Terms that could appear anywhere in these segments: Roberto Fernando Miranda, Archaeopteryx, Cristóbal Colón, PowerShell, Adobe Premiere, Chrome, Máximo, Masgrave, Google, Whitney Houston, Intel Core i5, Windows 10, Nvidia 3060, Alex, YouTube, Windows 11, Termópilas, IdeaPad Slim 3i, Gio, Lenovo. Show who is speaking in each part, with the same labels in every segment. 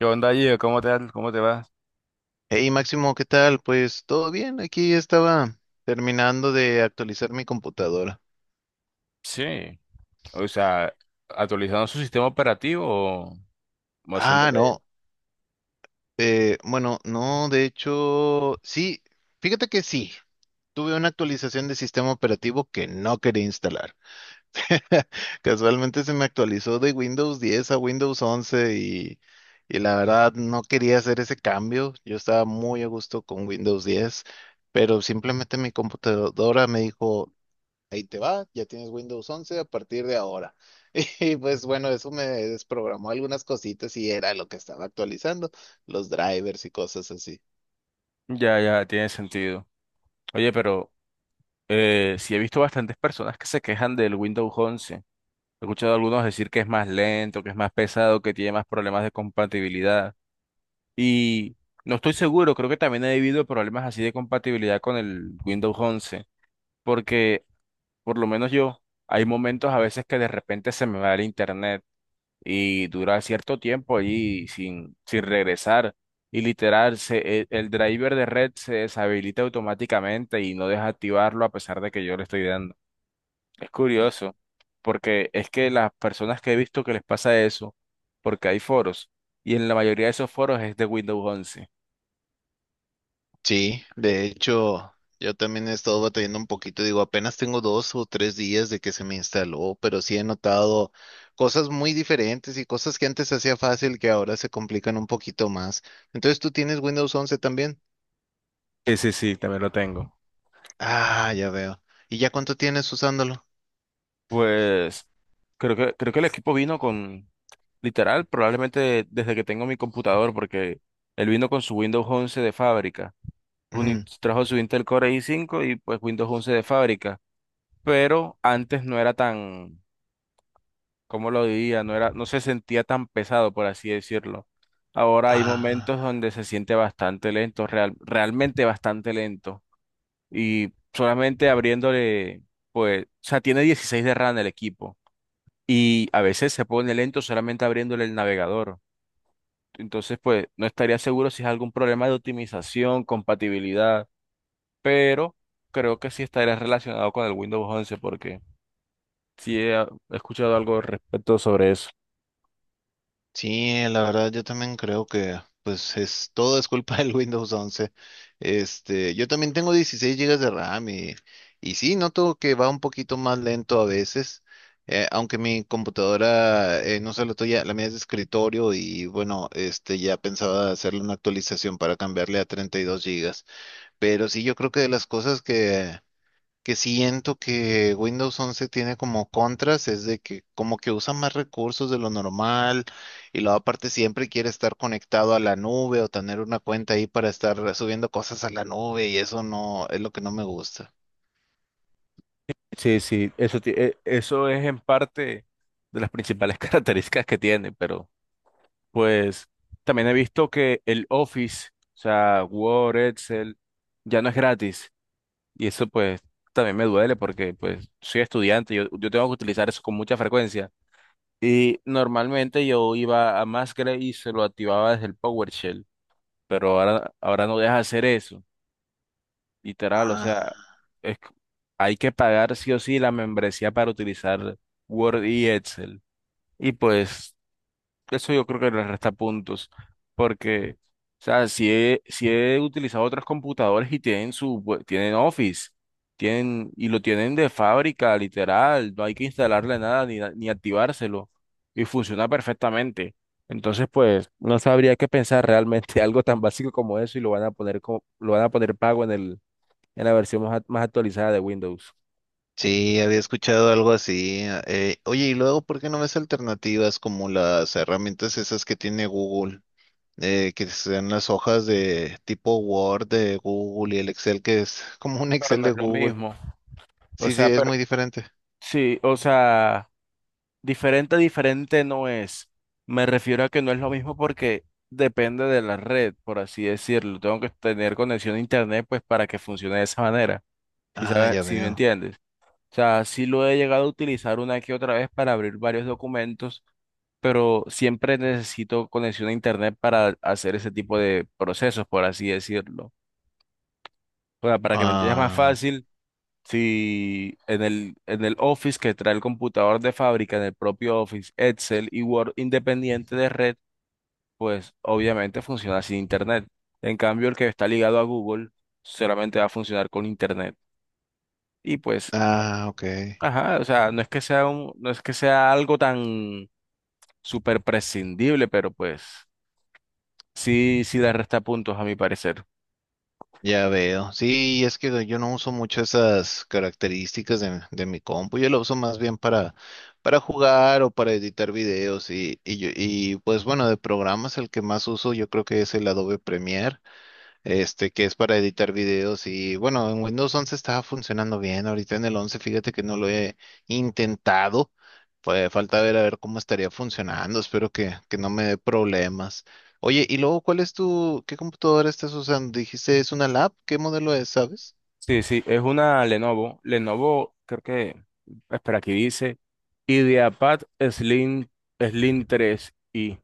Speaker 1: ¿Qué onda, Gio? Cómo te vas?
Speaker 2: Hey Máximo, ¿qué tal? Pues todo bien, aquí estaba terminando de actualizar mi computadora.
Speaker 1: Sí, o sea, actualizando su sistema operativo o
Speaker 2: Ah,
Speaker 1: haciéndole...
Speaker 2: no, bueno, no, de hecho, sí, fíjate que sí, tuve una actualización de sistema operativo que no quería instalar. Casualmente se me actualizó de Windows 10 a Windows 11 y la verdad no quería hacer ese cambio. Yo estaba muy a gusto con Windows 10, pero simplemente mi computadora me dijo, ahí te va, ya tienes Windows once a partir de ahora. Y pues bueno, eso me desprogramó algunas cositas y era lo que estaba actualizando, los drivers y cosas así.
Speaker 1: Ya, ya, tiene sentido. Oye, pero sí he visto bastantes personas que se quejan del Windows once. He escuchado a algunos decir que es más lento, que es más pesado, que tiene más problemas de compatibilidad. Y no estoy seguro, creo que también he vivido problemas así de compatibilidad con el Windows once, porque por lo menos yo, hay momentos a veces que de repente se me va el internet y dura cierto tiempo allí sin, sin regresar. Y literal, el driver de red se deshabilita automáticamente y no deja activarlo a pesar de que yo le estoy dando. Es curioso, porque es que las personas que he visto que les pasa eso, porque hay foros, y en la mayoría de esos foros es de Windows once.
Speaker 2: Sí, de hecho, yo también he estado batallando un poquito, digo, apenas tengo 2 o 3 días de que se me instaló, pero sí he notado cosas muy diferentes y cosas que antes hacía fácil que ahora se complican un poquito más. Entonces, ¿tú tienes Windows once también?
Speaker 1: Sí, sí, sí, también lo tengo.
Speaker 2: Ah, ya veo. ¿Y ya cuánto tienes usándolo?
Speaker 1: Pues creo que el equipo vino con, literal, probablemente desde que tengo mi computador, porque él vino con su Windows once de fábrica.
Speaker 2: Ujú.
Speaker 1: Trajo su Intel Core i5 y pues Windows 11 de fábrica, pero antes no era tan, ¿cómo lo diría? No era, no se sentía tan pesado, por así decirlo. Ahora hay momentos
Speaker 2: Ah.
Speaker 1: donde se siente bastante lento, realmente bastante lento. Y solamente abriéndole, pues, o sea, tiene 16 de RAM el equipo. Y a veces se pone lento solamente abriéndole el navegador. Entonces, pues, no estaría seguro si es algún problema de optimización, compatibilidad, pero creo que sí estaría relacionado con el Windows once porque sí he escuchado algo al respecto sobre eso.
Speaker 2: Sí, la verdad yo también creo que pues es todo es culpa del Windows once. Este, yo también tengo 16 gigas de RAM y sí, noto que va un poquito más lento a veces, aunque mi computadora, no sé, la tuya, la mía es de escritorio y bueno, este ya pensaba hacerle una actualización para cambiarle a 32 gigas. Pero sí, yo creo que de las cosas que siento que Windows 11 tiene como contras es de que como que usa más recursos de lo normal y luego aparte siempre quiere estar conectado a la nube o tener una cuenta ahí para estar subiendo cosas a la nube y eso no es lo que no me gusta.
Speaker 1: Sí, sí, eso, eso es en parte de las principales características que tiene, pero pues también he visto que el Office, o sea, Word, Excel, ya no es gratis y eso pues también me duele porque pues soy estudiante, yo tengo que utilizar eso con mucha frecuencia. Y normalmente yo iba a Masgrave y se lo activaba desde el PowerShell, pero ahora no deja hacer eso, literal, o sea,
Speaker 2: Ah,
Speaker 1: es, c- hay que pagar sí o sí la membresía para utilizar Word y Excel. Y pues eso yo creo que le resta puntos, porque, o sea, si he utilizado otros computadores y tienen tienen Office, tienen, y lo tienen de fábrica, literal, no hay que instalarle nada ni activárselo, y funciona perfectamente. Entonces, pues, no sabría qué pensar realmente algo tan básico como eso y lo van a poner como, lo van a poner pago en el, en la versión más actualizada de Windows.
Speaker 2: sí, había escuchado algo así. Oye, y luego, ¿por qué no ves alternativas como las herramientas esas que tiene Google? Que sean las hojas de tipo Word de Google y el Excel que es como un
Speaker 1: Pero
Speaker 2: Excel
Speaker 1: no
Speaker 2: de
Speaker 1: es lo
Speaker 2: Google.
Speaker 1: mismo. O
Speaker 2: Sí, sí,
Speaker 1: sea,
Speaker 2: es
Speaker 1: pero
Speaker 2: muy diferente.
Speaker 1: sí, o sea. Diferente, diferente no es. Me refiero a que no es lo mismo porque depende de la red, por así decirlo. Tengo que tener conexión a internet pues para que funcione de esa manera. Si
Speaker 2: Ah,
Speaker 1: sabes,
Speaker 2: ya
Speaker 1: si me
Speaker 2: veo.
Speaker 1: entiendes. O sea, sí lo he llegado a utilizar una que otra vez para abrir varios documentos, pero siempre necesito conexión a internet para hacer ese tipo de procesos, por así decirlo. O sea, para que me entiendas más
Speaker 2: Ah,
Speaker 1: fácil. Si en el, en el Office que trae el computador de fábrica, en el propio Office, Excel y Word independiente de red, pues obviamente funciona sin Internet. En cambio, el que está ligado a Google solamente va a funcionar con Internet. Y pues,
Speaker 2: ah, ok.
Speaker 1: ajá, o sea, no es que sea un, no es que sea algo tan súper prescindible, pero pues sí, sí le resta puntos a mi parecer.
Speaker 2: Ya veo. Sí, es que yo no uso mucho esas características de mi compu. Yo lo uso más bien para jugar o para editar videos. Y pues bueno, de programas el que más uso yo creo que es el Adobe Premiere. Este, que es para editar videos y bueno, en Windows 11 estaba funcionando bien, ahorita en el 11 fíjate que no lo he intentado, pues falta ver a ver cómo estaría funcionando, espero que no me dé problemas. Oye, y luego, ¿cuál es tu, qué computadora estás usando? Dijiste, es una lab, ¿qué modelo es, sabes?
Speaker 1: Sí, sí, es una Lenovo. Lenovo, creo que, espera, aquí dice IdeaPad Slim, Slim 3i.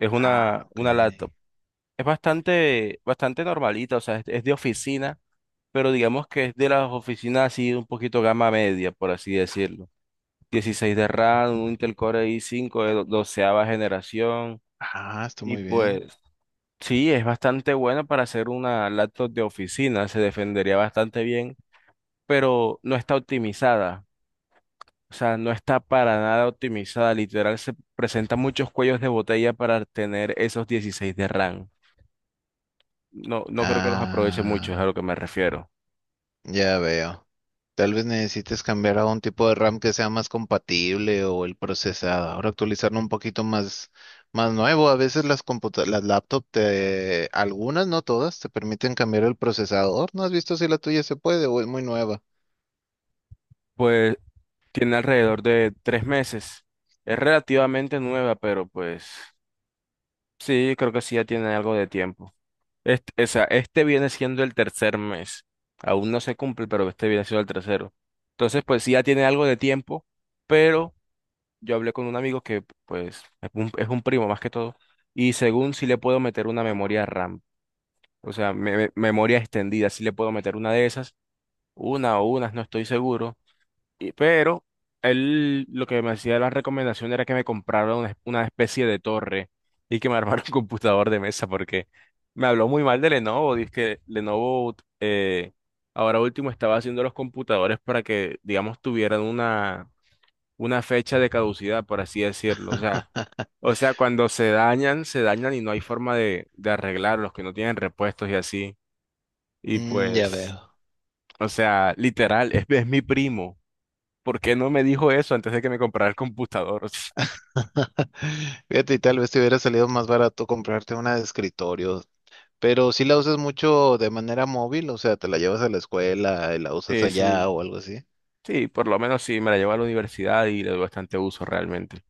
Speaker 1: Es
Speaker 2: Ah, ok.
Speaker 1: una laptop. Es bastante, bastante normalita, o sea, es de oficina, pero digamos que es de las oficinas así un poquito gama media, por así decirlo. 16 de RAM, un Intel Core i5 de doceava generación.
Speaker 2: Ah, está
Speaker 1: Y
Speaker 2: muy bien.
Speaker 1: pues, sí, es bastante bueno para hacer una laptop de oficina. Se defendería bastante bien, pero no está optimizada. O sea, no está para nada optimizada. Literal, se presentan muchos cuellos de botella para tener esos 16 de RAM. No, no creo que los aproveche mucho, es a
Speaker 2: Ah,
Speaker 1: lo que me refiero.
Speaker 2: ya veo. Tal vez necesites cambiar a un tipo de RAM que sea más compatible o el procesador, actualizarlo un poquito más, más nuevo. A veces las laptops algunas, no todas, te permiten cambiar el procesador. ¿No has visto si la tuya se puede o es muy nueva?
Speaker 1: Pues tiene alrededor de tres meses. Es relativamente nueva, pero pues sí, creo que sí ya tiene algo de tiempo. Este, o sea, este viene siendo el tercer mes. Aún no se cumple, pero este viene siendo el tercero. Entonces, pues sí ya tiene algo de tiempo, pero yo hablé con un amigo que pues es un primo más que todo, y según si le puedo meter una memoria RAM, o sea, memoria extendida, si le puedo meter una de esas, una o unas, no estoy seguro, y, pero él lo que me hacía la recomendación era que me comprara una especie de torre y que me armara un computador de mesa, porque me habló muy mal de Lenovo, dice que Lenovo eh, ahora último estaba haciendo los computadores para que, digamos, tuvieran una fecha de caducidad, por así decirlo. O sea, cuando se dañan y no hay forma de arreglarlos, que no tienen repuestos y así. Y
Speaker 2: Mm, ya
Speaker 1: pues,
Speaker 2: veo.
Speaker 1: o sea, literal, es mi primo. ¿Por qué no me dijo eso antes de que me comprara el computador?
Speaker 2: Fíjate, y tal vez te hubiera salido más barato comprarte una de escritorio, pero si la usas mucho de manera móvil, o sea, te la llevas a la escuela y la usas
Speaker 1: Sí,
Speaker 2: allá
Speaker 1: sí,
Speaker 2: o algo así.
Speaker 1: sí, por lo menos sí, me la llevo a la universidad y le doy bastante uso realmente.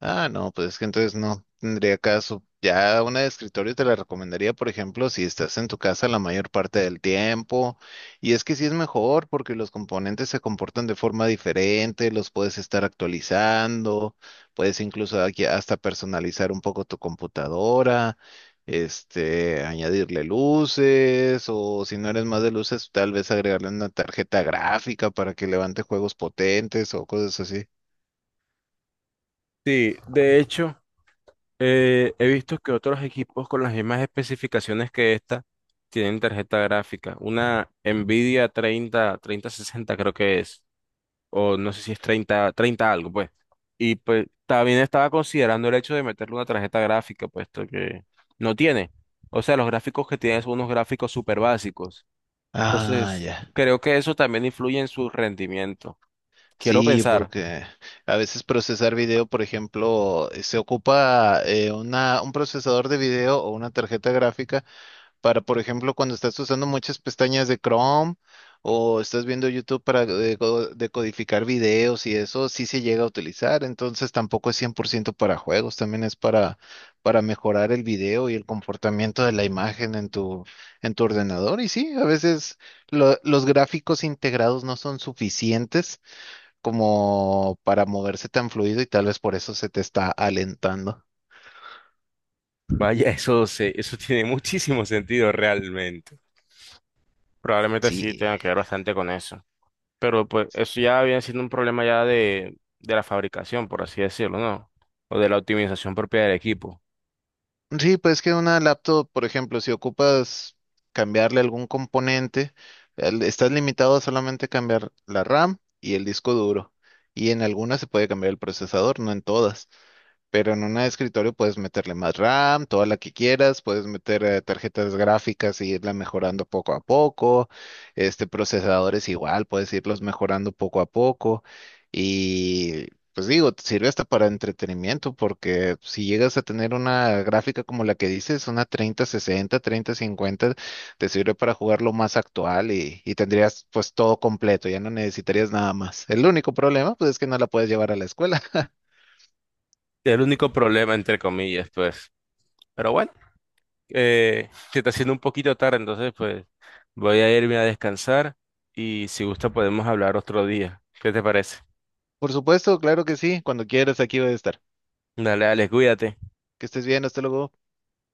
Speaker 2: Ah, no, pues es que entonces no tendría caso. Ya una de escritorio te la recomendaría, por ejemplo, si estás en tu casa la mayor parte del tiempo. Y es que sí es mejor porque los componentes se comportan de forma diferente, los puedes estar actualizando, puedes incluso aquí hasta personalizar un poco tu computadora, este, añadirle luces o si no eres más de luces, tal vez agregarle una tarjeta gráfica para que levante juegos potentes o cosas así.
Speaker 1: Sí, de hecho. He visto que otros equipos con las mismas especificaciones que esta tienen tarjeta gráfica. Una Nvidia 30, 3060 creo que es, o no sé si es 30, 30 algo, pues. Y pues también estaba considerando el hecho de meterle una tarjeta gráfica, puesto que no tiene. O sea, los gráficos que tiene son unos gráficos súper básicos.
Speaker 2: Ah,
Speaker 1: Entonces,
Speaker 2: ya.
Speaker 1: creo que eso también influye en su rendimiento. Quiero
Speaker 2: Sí,
Speaker 1: pensar,
Speaker 2: porque a veces procesar video, por ejemplo, se ocupa un procesador de video o una tarjeta gráfica para, por ejemplo, cuando estás usando muchas pestañas de Chrome o estás viendo YouTube para decodificar videos y eso sí se llega a utilizar. Entonces tampoco es 100% para juegos, también es para mejorar el video y el comportamiento de la imagen en tu ordenador. Y sí, a veces los gráficos integrados no son suficientes como para moverse tan fluido y tal vez por eso se te está alentando.
Speaker 1: vaya, eso se, eso tiene muchísimo sentido realmente. Probablemente sí
Speaker 2: Sí.
Speaker 1: tenga que ver bastante con eso. Pero pues eso ya viene siendo un problema ya de la fabricación, por así decirlo, ¿no? O de la optimización propia del equipo.
Speaker 2: Sí, pues que una laptop, por ejemplo, si ocupas cambiarle algún componente, estás limitado a solamente cambiar la RAM y el disco duro. Y en algunas se puede cambiar el procesador, no en todas. Pero en un escritorio puedes meterle más RAM, toda la que quieras, puedes meter tarjetas gráficas y irla mejorando poco a poco, este procesadores igual, puedes irlos mejorando poco a poco y pues digo, te sirve hasta para entretenimiento porque si llegas a tener una gráfica como la que dices, una 3060, 3050, te sirve para jugar lo más actual y tendrías pues todo completo, ya no necesitarías nada más. El único problema pues es que no la puedes llevar a la escuela.
Speaker 1: Es el único problema, entre comillas, pues. Pero bueno, se está haciendo un poquito tarde, entonces pues voy a irme a descansar y si gusta podemos hablar otro día. ¿Qué te parece?
Speaker 2: Por supuesto, claro que sí. Cuando quieras, aquí voy a estar.
Speaker 1: Dale, Alex, cuídate.
Speaker 2: Que estés bien, hasta luego.